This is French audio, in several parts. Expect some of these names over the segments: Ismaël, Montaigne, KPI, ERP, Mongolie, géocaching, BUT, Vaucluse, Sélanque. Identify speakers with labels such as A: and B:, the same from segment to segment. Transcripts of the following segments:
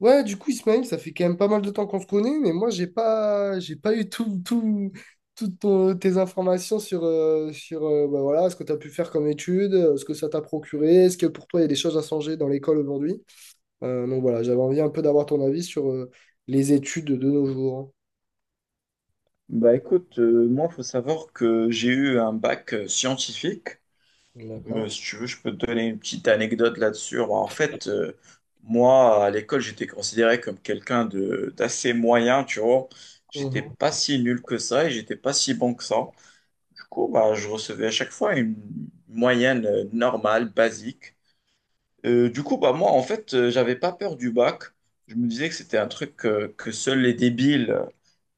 A: Ouais, du coup, Ismaël, ça fait quand même pas mal de temps qu'on se connaît, mais moi, j'ai pas eu toutes tes informations sur, sur bah voilà, ce que tu as pu faire comme études, ce que ça t'a procuré, est-ce que pour toi, il y a des choses à changer dans l'école aujourd'hui? Donc voilà, j'avais envie un peu d'avoir ton avis sur les études de nos jours.
B: Bah écoute, moi, faut savoir que j'ai eu un bac scientifique.
A: Hein. D'accord.
B: Si tu veux, je peux te donner une petite anecdote là-dessus. Alors, en fait, moi, à l'école, j'étais considéré comme quelqu'un de d'assez moyen, tu vois. J'étais
A: Mhm.
B: pas si nul que ça et j'étais pas si bon que ça. Du coup, bah, je recevais à chaque fois une moyenne normale, basique. Du coup, bah moi, en fait, j'avais pas peur du bac. Je me disais que c'était un truc que seuls les débiles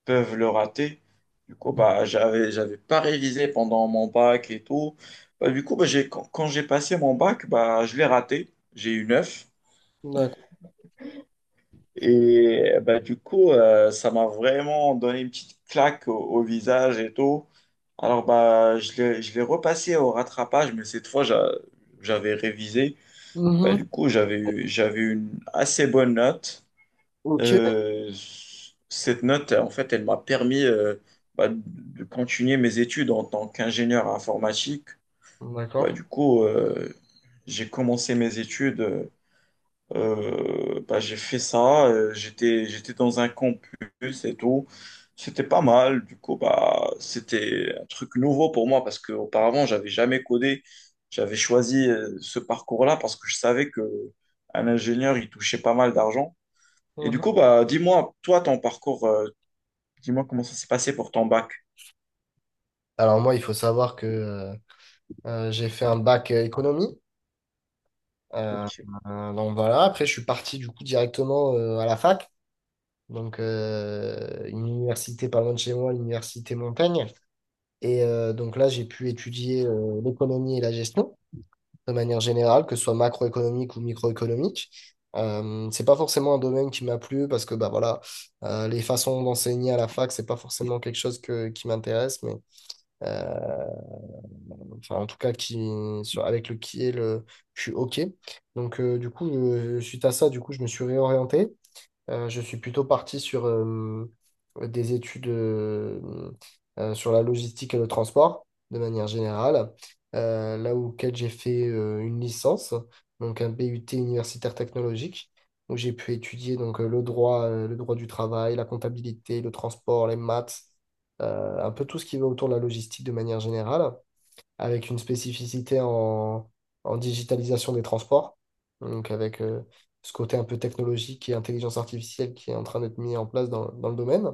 B: peuvent le rater. Du coup, bah, j'avais pas révisé pendant mon bac et tout. Bah, du coup, quand j'ai passé mon bac, bah, je l'ai raté. J'ai eu 9.
A: D'accord.
B: Et bah, du coup, ça m'a vraiment donné une petite claque au visage et tout. Alors, bah, je l'ai repassé au rattrapage, mais cette fois, j'avais révisé. Bah,
A: Mhm.
B: du coup, j'avais eu une assez bonne note.
A: Ok.
B: Euh, cette note, en fait, elle m'a permis bah, de continuer mes études en tant qu'ingénieur informatique. Bah,
A: D'accord.
B: du coup, j'ai commencé mes études, bah, j'ai fait ça, j'étais dans un campus et tout. C'était pas mal, du coup, bah, c'était un truc nouveau pour moi parce qu'auparavant, j'avais jamais codé. J'avais choisi ce parcours-là parce que je savais que un ingénieur, il touchait pas mal d'argent. Et du
A: Mhm.
B: coup, bah, dis-moi, toi, ton parcours, dis-moi comment ça s'est passé pour ton bac.
A: Alors moi, il faut savoir que j'ai fait un bac économie. Euh,
B: Ok.
A: donc voilà, après je suis parti du coup directement à la fac, donc une université pas loin de chez moi, l'université Montaigne. Et donc là j'ai pu étudier l'économie et la gestion de manière générale, que ce soit macroéconomique ou microéconomique. C'est pas forcément un domaine qui m'a plu parce que bah voilà, les façons d'enseigner à la fac, c'est pas forcément quelque chose qui m'intéresse, mais euh, enfin en tout cas qui sur- avec le qui est le je suis OK. Donc du coup je- suite à ça du coup je me suis réorienté. Je suis plutôt parti sur des études sur la logistique et le transport de manière générale. Là auquel j'ai fait une licence, donc un BUT universitaire technologique où j'ai pu étudier donc le droit du travail, la comptabilité, le transport, les maths, un peu tout ce qui va autour de la logistique de manière générale avec une spécificité en digitalisation des transports, donc avec ce côté un peu technologique et intelligence artificielle qui est en train d'être mis en place dans le domaine.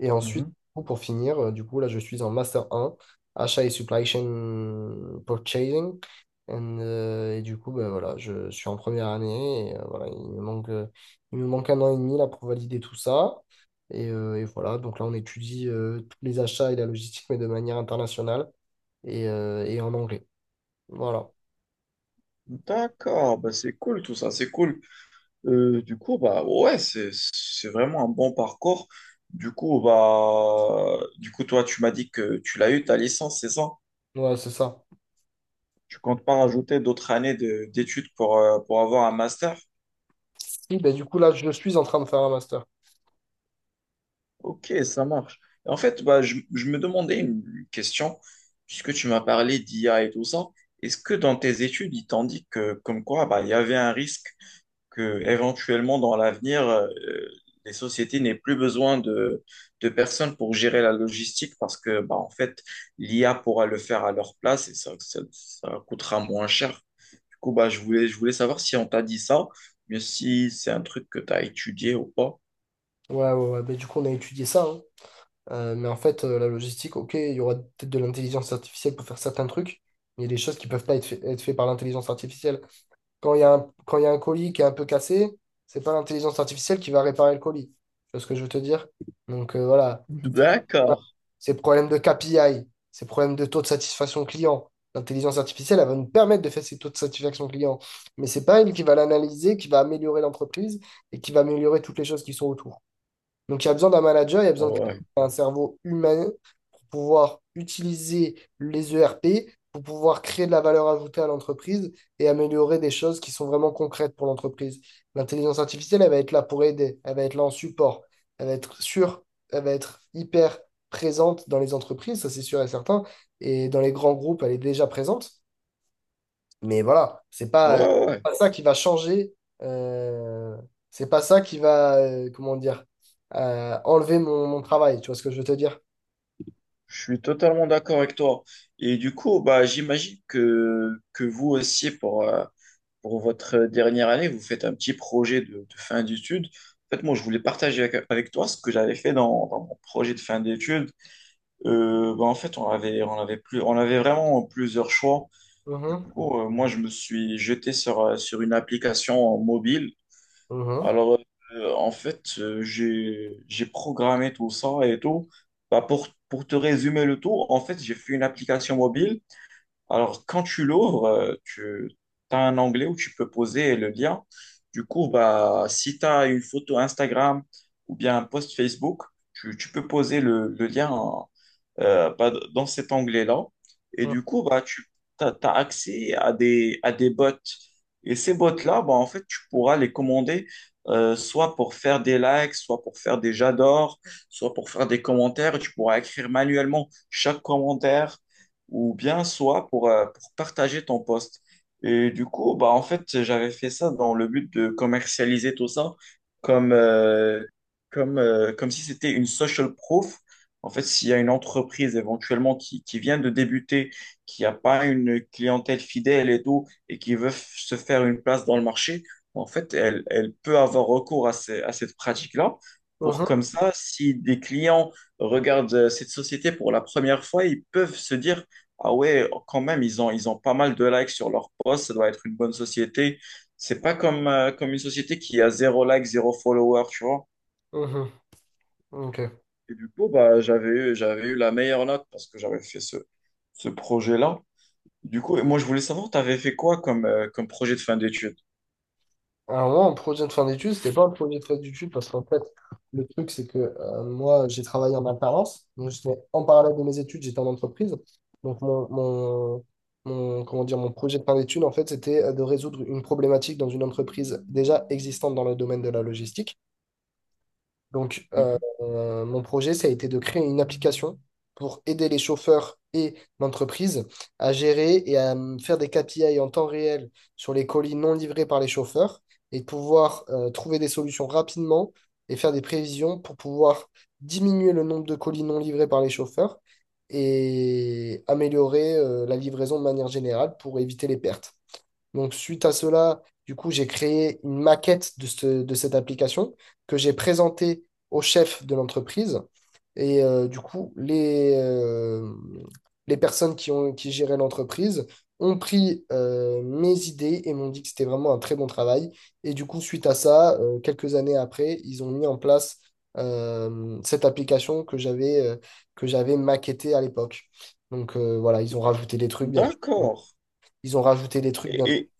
A: Et ensuite,
B: Mhm.
A: pour finir, du coup, là, je suis en Master un achat et supply chain purchasing. And, et du coup, ben, voilà, je suis en première année et voilà, il me manque un an et demi là, pour valider tout ça. Et voilà, donc là, on étudie tous les achats et la logistique, mais de manière internationale et en anglais. Voilà,
B: D'accord, bah c'est cool tout ça, c'est cool. Du coup, bah ouais, c'est vraiment un bon parcours. Du coup, bah du coup, toi, tu m'as dit que tu l'as eu ta licence, c'est ça?
A: ouais, c'est ça.
B: Tu comptes pas rajouter d'autres d'études pour avoir un master?
A: Oui, ben, du coup, là, je suis en train de faire un master.
B: Ok, ça marche. En fait, bah, je me demandais une question, puisque tu m'as parlé d'IA et tout ça. Est-ce que dans tes études, ils t'ont dit que, comme quoi, bah, il y avait un risque que, éventuellement, dans l'avenir, les sociétés n'aient plus besoin de personnes pour gérer la logistique parce que, bah, en fait, l'IA pourra le faire à leur place et ça coûtera moins cher. Du coup, bah, je voulais savoir si on t'a dit ça, mais si c'est un truc que tu as étudié ou pas.
A: Ouais, ouais, ouais, ben, du coup, on a étudié ça. Hein. Mais en fait, la logistique, ok, il y aura peut-être de l'intelligence artificielle pour faire certains trucs, mais il y a des choses qui peuvent pas être faites par l'intelligence artificielle. Quand il y a un colis qui est un peu cassé, c'est pas l'intelligence artificielle qui va réparer le colis. Tu vois ce que je veux te dire? Donc voilà, tous ces problèmes-là,
B: D'accord.
A: ces problèmes de KPI, ces problèmes de taux de satisfaction client, l'intelligence artificielle, elle va nous permettre de faire ces taux de satisfaction client, mais c'est pas elle qui va l'analyser, qui va améliorer l'entreprise et qui va améliorer toutes les choses qui sont autour. Donc, il y a besoin d'un manager, il y a besoin de quelqu'un
B: Ouais.
A: qui a un cerveau humain pour pouvoir utiliser les ERP, pour pouvoir créer de la valeur ajoutée à l'entreprise et améliorer des choses qui sont vraiment concrètes pour l'entreprise. L'intelligence artificielle, elle va être là pour aider, elle va être là en support, elle va être sûre, elle va être hyper présente dans les entreprises, ça c'est sûr et certain, et dans les grands groupes, elle est déjà présente. Mais voilà, c'est pas,
B: Ouais, ouais, ouais.
A: pas ça qui va changer. euh, c'est pas ça qui va, comment dire, enlever mon travail. Tu vois ce que je veux te dire?
B: Je suis totalement d'accord avec toi. Et du coup, bah, j'imagine que vous aussi, pour votre dernière année, vous faites un petit projet de fin d'études. En fait, moi, je voulais partager avec toi ce que j'avais fait dans mon projet de fin d'études. Bah, en fait, on avait vraiment plusieurs choix. Du
A: Mhm,
B: coup, moi, je me suis jeté sur, sur une application mobile.
A: mhm,
B: Alors, en fait, j'ai programmé tout ça et tout. Bah, pour te résumer le tout, en fait, j'ai fait une application mobile. Alors, quand tu l'ouvres, tu as un onglet où tu peux poser le lien. Du coup, bah, si tu as une photo Instagram ou bien un post Facebook, tu peux poser le lien bah, dans cet onglet-là. Et du coup, bah, tu as accès à des bots. Et ces bots-là, bah, en fait, tu pourras les commander soit pour faire des likes, soit pour faire des j'adore, soit pour faire des commentaires. Tu pourras écrire manuellement chaque commentaire ou bien soit pour partager ton post. Et du coup, bah, en fait, j'avais fait ça dans le but de commercialiser tout ça comme, euh, comme si c'était une social proof en fait, s'il y a une entreprise éventuellement qui vient de débuter, qui n'a pas une clientèle fidèle et tout, et qui veut se faire une place dans le marché, en fait, elle, elle peut avoir recours à cette pratique-là pour
A: mhm,
B: comme ça, si des clients regardent cette société pour la première fois, ils peuvent se dire, ah ouais, quand même, ils ont pas mal de likes sur leur post, ça doit être une bonne société. C'est pas comme, comme une société qui a zéro like, zéro follower, tu vois.
A: mhm, mhm. Ok.
B: Et du coup, bah, j'avais eu la meilleure note parce que j'avais fait ce projet-là. Du coup, et moi, je voulais savoir, tu avais fait quoi comme, comme projet de fin d'études?
A: Alors moi, en projet de fin d'études, c'était pas un projet de fin d'études parce qu'en fait, le truc, c'est que moi, j'ai travaillé en alternance. Donc, j'étais en parallèle de mes études, j'étais en entreprise. Donc, comment dire, mon projet de fin d'études, en fait, c'était de résoudre une problématique dans une entreprise déjà existante dans le domaine de la logistique. Donc,
B: Mhm.
A: mon projet, ça a été de créer une application pour aider les chauffeurs et l'entreprise à gérer et à faire des KPI en temps réel sur les colis non livrés par les chauffeurs et de pouvoir trouver des solutions rapidement et faire des prévisions pour pouvoir diminuer le nombre de colis non livrés par les chauffeurs et améliorer la livraison de manière générale pour éviter les pertes. Donc, suite à cela, du coup, j'ai créé une maquette de cette application que j'ai présentée au chef de l'entreprise. Et du coup, les personnes qui géraient l'entreprise ont pris mes idées et m'ont dit que c'était vraiment un très bon travail. Et du coup, suite à ça, quelques années après, ils ont mis en place cette application que j'avais maquettée à l'époque. Donc voilà, ils ont rajouté des trucs, bien sûr.
B: D'accord.
A: Ils ont rajouté des trucs, bien
B: Et, et,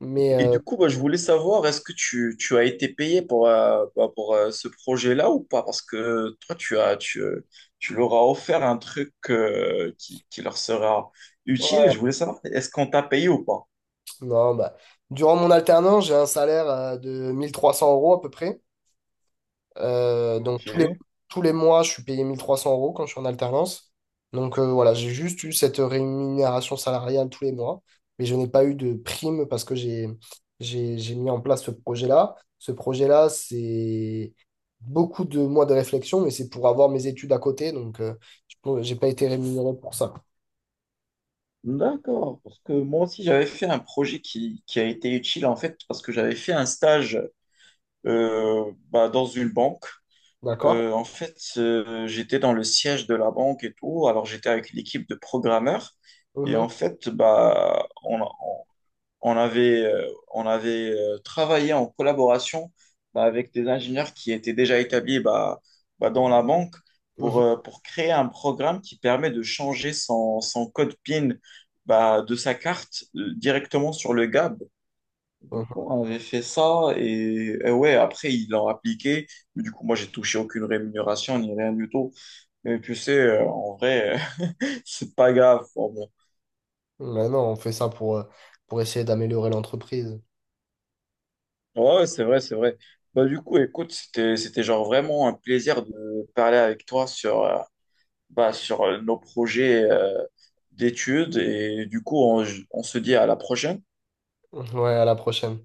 A: mais
B: et du coup, bah, je voulais savoir, est-ce que tu as été payé pour, pour ce projet-là ou pas? Parce que toi, tu leur as offert un truc qui leur sera utile.
A: ouais,
B: Et je voulais savoir, est-ce qu'on t'a payé ou pas?
A: non, bah, durant mon alternance, j'ai un salaire de 1300 € à peu près. Donc
B: Ok.
A: tous les mois, je suis payé 1300 € quand je suis en alternance. Donc voilà, j'ai juste eu cette rémunération salariale tous les mois. Mais je n'ai pas eu de prime parce que j'ai mis en place ce projet-là. Ce projet-là, c'est beaucoup de mois de réflexion, mais c'est pour avoir mes études à côté. Donc je n'ai pas été rémunéré pour ça.
B: D'accord, parce que moi aussi j'avais fait un projet qui a été utile en fait parce que j'avais fait un stage bah, dans une banque.
A: D'accord?
B: En fait, j'étais dans le siège de la banque et tout, alors j'étais avec l'équipe de programmeurs et
A: Mhm,
B: en fait bah, on avait, euh, on avait travaillé en collaboration bah, avec des ingénieurs qui étaient déjà établis bah, dans la banque
A: mhm,
B: pour créer un programme qui permet de changer son code PIN bah, de sa carte directement sur le GAB. Du
A: mhm.
B: coup, on avait fait ça et ouais, après, ils l'ont appliqué. Mais du coup, moi, j'ai touché aucune rémunération ni rien du tout. Mais tu sais, en vrai, c'est pas grave.
A: Mais non, on fait ça pour essayer d'améliorer l'entreprise.
B: Ouais, ouais, c'est vrai, c'est vrai. Bah, du coup, écoute, c'était genre vraiment un plaisir de parler avec toi sur, sur nos projets d'études. Et du coup, on se dit à la prochaine.
A: Ouais, à la prochaine.